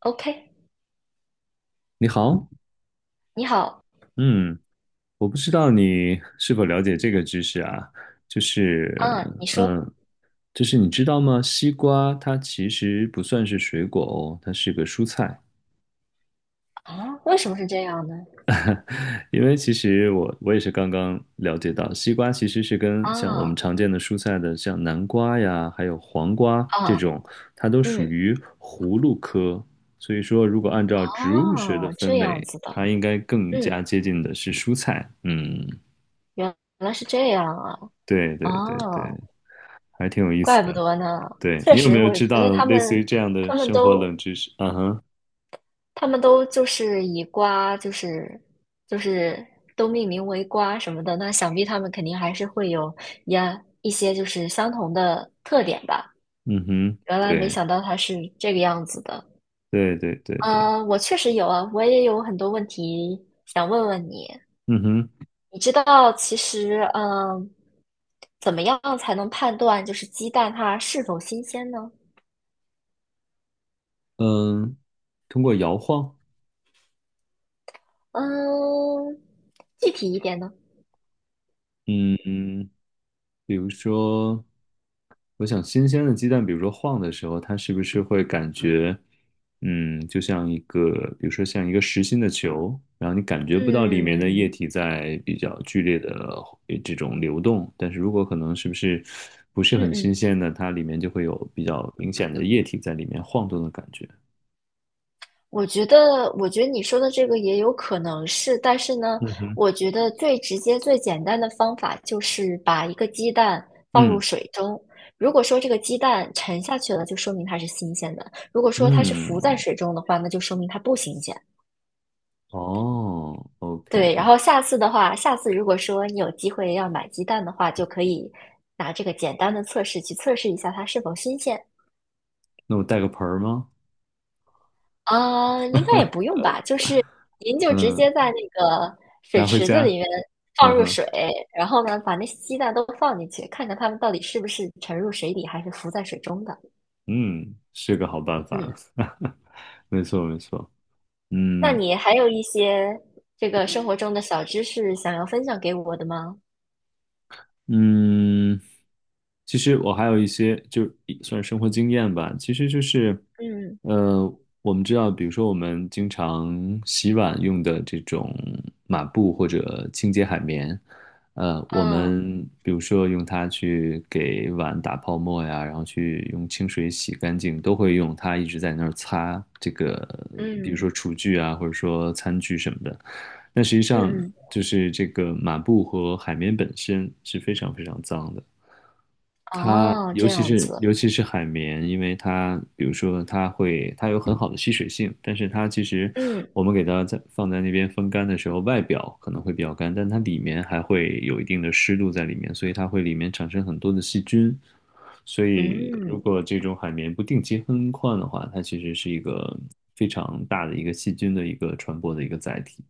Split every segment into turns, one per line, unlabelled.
OK，
你好，
你好，
嗯，我不知道你是否了解这个知识啊，就是，
嗯，你说
嗯，就是你知道吗？西瓜它其实不算是水果哦，它是个蔬菜。
啊，为什么是这样呢？
因为其实我也是刚刚了解到，西瓜其实是跟像我们
啊
常见的蔬菜的，像南瓜呀，还有黄瓜这
啊，
种，它都属
嗯，
于葫芦科。所以说，如果按照植物学的
哦，
分
这样
类，
子的，
它应该更
嗯，
加接近的是蔬菜。嗯，
原来是这样啊，
对对对对。
哦，
还挺有意思
怪不
的。
得呢。
对，
确
你有没
实，
有
我觉
知
得
道
他
类似于
们，
这样的
他们
生活
都，
冷知识？嗯哼，
他们都就是以瓜，就是就是都命名为瓜什么的，那想必他们肯定还是会有呀一些就是相同的特点吧。
嗯哼，
原来没
对，
想到它是这个样子的。
对对对对，
嗯，我确实有啊，我也有很多问题想问问你。
嗯哼，
你知道，其实，怎么样才能判断就是鸡蛋它是否新鲜呢？
嗯，通过摇晃，
嗯，具体一点呢？
嗯，比如说，我想新鲜的鸡蛋，比如说晃的时候，它是不是会感觉，就像一个，比如说像一个实心的球，然后你感觉不到里面的液
嗯
体在比较剧烈的这种流动，但是如果可能是不是
嗯
很
嗯，
新鲜的，它里面就会有比较明显的液体在里面晃动的感觉。
我觉得你说的这个也有可能是，但是呢，
嗯哼，
我觉得最直接、最简单的方法就是把一个鸡蛋放入
嗯
水中。如果说这个鸡蛋沉下去了，就说明它是新鲜的；如果说它是浮在
嗯，
水中的话，那就说明它不新鲜。
哦
对，然
，OK，
后下次的话，下次如果说你有机会要买鸡蛋的话，就可以拿这个简单的测试去测试一下它是否新鲜。
那我带个盆儿吗？
啊，应该也不用吧，就是您就直
嗯，
接在那个水
拿回
池子里
家。
面放
嗯
入
哼。
水，然后呢，把那些鸡蛋都放进去，看看它们到底是不是沉入水底，还是浮在水中的。
嗯，是个好办
嗯，
法。没错，没错。
那
嗯
你还有一些这个生活中的小知识想要分享给我的吗？
嗯，其实我还有一些，就是算是生活经验吧。其实就是，
嗯
呃，我们知道，比如说我们经常洗碗用的这种抹布或者清洁海绵，我
嗯
们比如说用它去给碗打泡沫呀，然后去用清水洗干净，都会用它一直在那儿擦这个，比如说
嗯
厨具啊，或者说餐具什么的。那实际上
嗯嗯，
就是这个抹布和海绵本身是非常非常脏的。它
哦，
尤
这
其
样
是
子，
尤其是海绵，因为它比如说它有很好的吸水性，但是它其实
嗯
我们给它在放在那边风干的时候，外表可能会比较干，但它里面还会有一定的湿度在里面，所以它会里面产生很多的细菌。所以如
嗯，
果这种海绵不定期更换的话，它其实是一个非常大的一个细菌的一个传播的一个载体。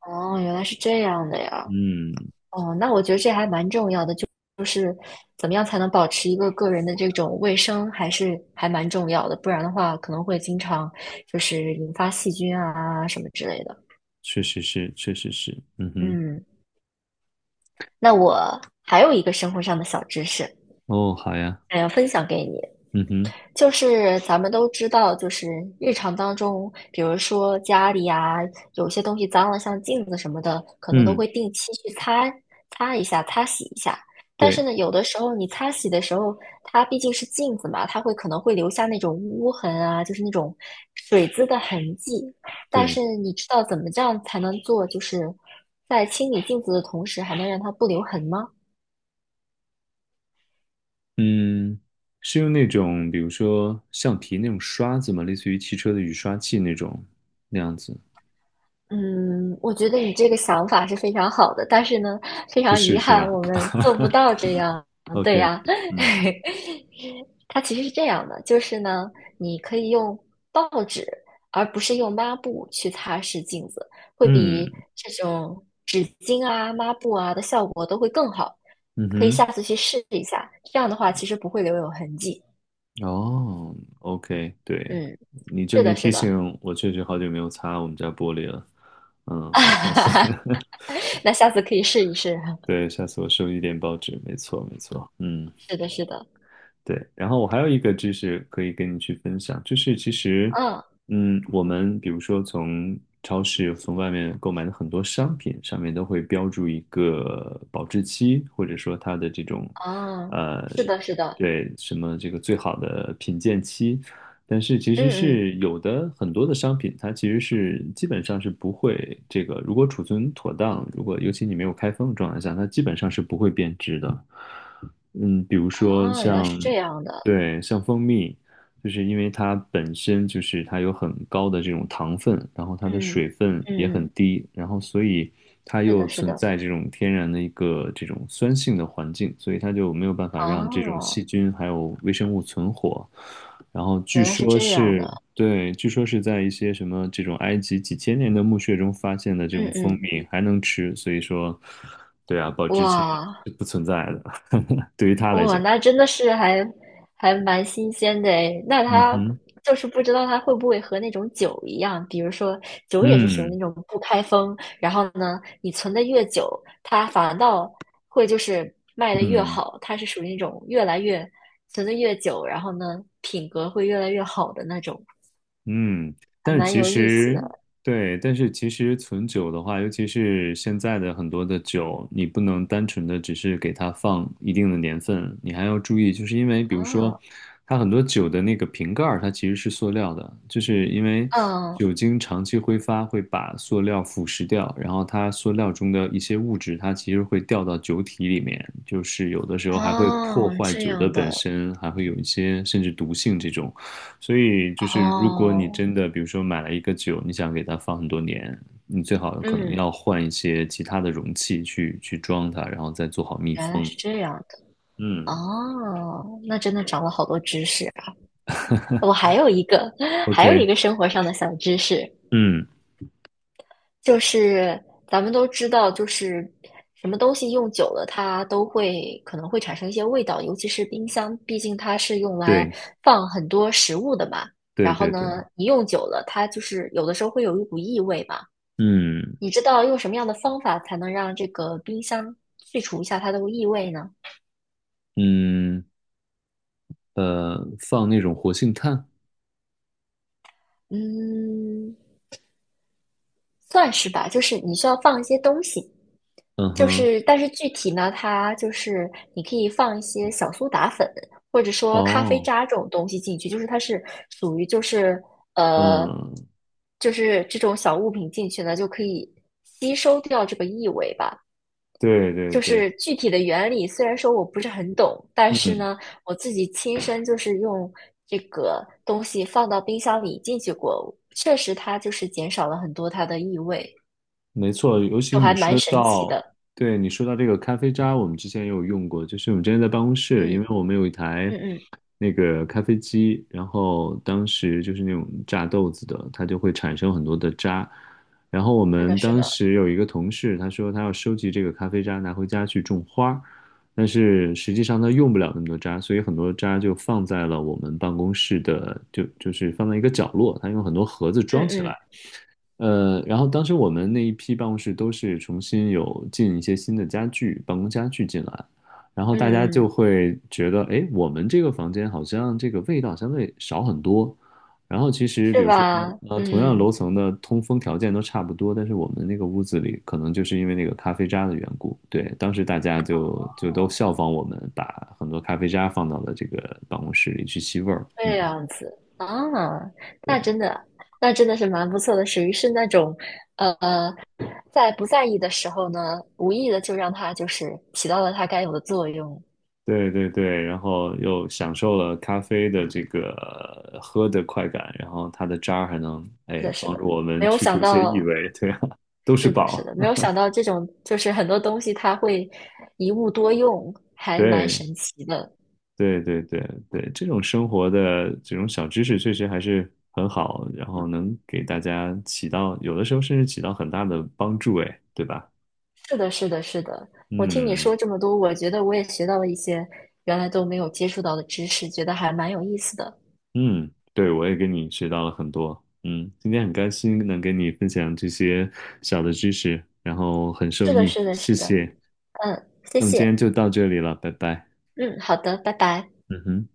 哦，原来是这样的呀。
嗯，
哦，那我觉得这还蛮重要的，就是怎么样才能保持一个个人的这种卫生，还是还蛮重要的，不然的话可能会经常就是引发细菌啊什么之类的。
确实是，确实是，嗯哼，
嗯，那我还有一个生活上的小知识，
哦，好呀，
想要分享给你。
嗯哼，
就是咱们都知道，就是日常当中，比如说家里啊，有些东西脏了，像镜子什么的，可能都
嗯，
会定期去擦擦一下、擦洗一下。但是
对。
呢，有的时候你擦洗的时候，它毕竟是镜子嘛，它会可能会留下那种污痕啊，就是那种水渍的痕迹。但是
对
你知道怎么这样才能做，就是在清理镜子的同时，还能让它不留痕吗？
嗯，是用那种比如说橡皮那种刷子吗？类似于汽车的雨刷器那种那样子？
嗯，我觉得你这个想法是非常好的，但是呢，非
不
常
是
遗
是
憾，
吧
我们做不到这样。对
？OK，
呀，
嗯
它其实是这样的，就是呢，你可以用报纸，而不是用抹布去擦拭镜子，会比
嗯
这种纸巾啊、抹布啊的效果都会更好。
嗯
可以
哼，
下次去试一下，这样的话其实不会留有痕迹。
哦，OK，对，
嗯，
你这
是
么一
的，是
提
的，
醒，我确实好久没有擦我们家玻璃了。我下次，
那下次可以试一试。
对，下次我收一点报纸，没错没错。嗯
是的，是的，
对，然后我还有一个知识可以跟你去分享，就是其实，
嗯。
我们比如说从超市、从外面购买的很多商品上面都会标注一个保质期，或者说它的这种，
啊，
呃，
是的，是的，
对，什么这个最好的品鉴期，但是其实
嗯嗯，
是有的很多的商品，它其实是基本上是不会这个，如果储存妥当，如果尤其你没有开封的状态下，它基本上是不会变质的。比如说
啊，原来是
像，
这样的，
对，像蜂蜜，就是因为它本身就是它有很高的这种糖分，然后它的
嗯
水分也
嗯
很
嗯，
低，然后所以它
是
又
的，是
存
的，
在这种天然的一个这种酸性的环境，所以它就没有办法让这种
哦，
细菌还有微生物存活。然后据
原来是
说
这样
是，
的，
对，据说是在一些什么这种埃及几千年的墓穴中发现的这
嗯
种蜂
嗯，
蜜还能吃，所以说，对啊，保质期
哇，
是不存在的。对于他来
哇，
讲，
那真的是还蛮新鲜的诶。那
嗯
它
哼，
就是不知道它会不会和那种酒一样，比如说酒也是属于
嗯
那种不开封，然后呢，你存的越久，它反倒会就是卖的越
嗯。
好，它是属于那种越来越存的越久，然后呢，品格会越来越好的那种，
嗯，
还
但是
蛮
其
有意思
实
的
对，但是其实存酒的话，尤其是现在的很多的酒，你不能单纯的只是给它放一定的年份，你还要注意，就是因为比如说，
啊。
它很多酒的那个瓶盖儿它其实是塑料的，就是因为
嗯，
酒精长期挥发会把塑料腐蚀掉，然后它塑料中的一些物质，它其实会掉到酒体里面，就是有的时候还会破
哦，
坏
这
酒的
样
本
的
身，还会有一些甚至毒性这种。所以就是，如果你
哦，
真的，比如说买了一个酒，你想给它放很多年，你最好可能
嗯，
要换一些其他的容器去装它，然后再做好密
原来
封。
是这样。
嗯
哦，那真的长了好多知识啊。我还有一个，还有一
，OK，
个生活上的小知识，
嗯，
就是咱们都知道，就是什么东西用久了，它都会可能会产生一些味道，尤其是冰箱，毕竟它是用来
对
放很多食物的嘛。
对
然后
对对，
呢，你用久了，它就是有的时候会有一股异味嘛。
嗯
你知道用什么样的方法才能让这个冰箱去除一下它的异味呢？
嗯放那种活性炭，
嗯，算是吧，就是你需要放一些东西。
嗯
就
哼，
是，但是具体呢，它就是你可以放一些小苏打粉，或者说咖啡
哦，
渣这种东西进去，就是它是属于呃，
嗯，
就是这种小物品进去呢，就可以吸收掉这个异味吧。
对对
就
对，
是具体的原理，虽然说我不是很懂，但是
嗯
呢，我自己亲身就是用这个东西放到冰箱里进去过，确实它就是减少了很多它的异味，
没错，尤其
就还
你
蛮
说
神奇
到，
的。
对，你说到这个咖啡渣，我们之前也有用过，就是我们之前在办公室，因
嗯
为我们有一台
嗯嗯，
那个咖啡机，然后当时就是那种榨豆子的，它就会产生很多的渣。然后我
是的，
们
是
当
的。
时有一个同事，他说他要收集这个咖啡渣拿回家去种花儿，但是实际上他用不了那么多渣，所以很多渣就放在了我们办公室的，就是放在一个角落，他用很多盒子装
嗯
起来。
嗯
然后当时我们那一批办公室都是重新有进一些新的家具，办公家具进来，然后大家
嗯
就
嗯，
会觉得，哎，我们这个房间好像这个味道相对少很多。然后其实比
是
如说，
吧？
同样楼
嗯，
层的通风条件都差不多，但是我们那个屋子里可能就是因为那个咖啡渣的缘故，对，当时大家就都效仿我们，把很多咖啡渣放到了这个办公室里去吸味儿。嗯，
这样子啊，那真的，那真的是蛮不错的，属于是那种，呃，在不在意的时候呢，无意的就让它就是起到了它该有的作用。
对对对，然后又享受了咖啡的这个喝的快感，然后它的渣儿还能
是
哎
的，是
帮助
的，
我们
没有
去
想
除一些异
到，
味，对啊，都是
是的，是
宝。
的，没有想到这种就是很多东西它会一物多用，还蛮
对
神奇的。
对对对对，这种生活的这种小知识确实还是很好，然后能给大家起到有的时候甚至起到很大的帮助，哎，对吧？
是的，是的，是的。我听你
嗯
说这么多，我觉得我也学到了一些原来都没有接触到的知识，觉得还蛮有意思的。
嗯，对，我也跟你学到了很多。嗯，今天很开心能跟你分享这些小的知识，然后很受
是的，
益，
是的，
谢
是的。
谢。
嗯，谢
那么今天
谢。
就到这里了，拜拜。
嗯，好的，拜拜。
嗯哼。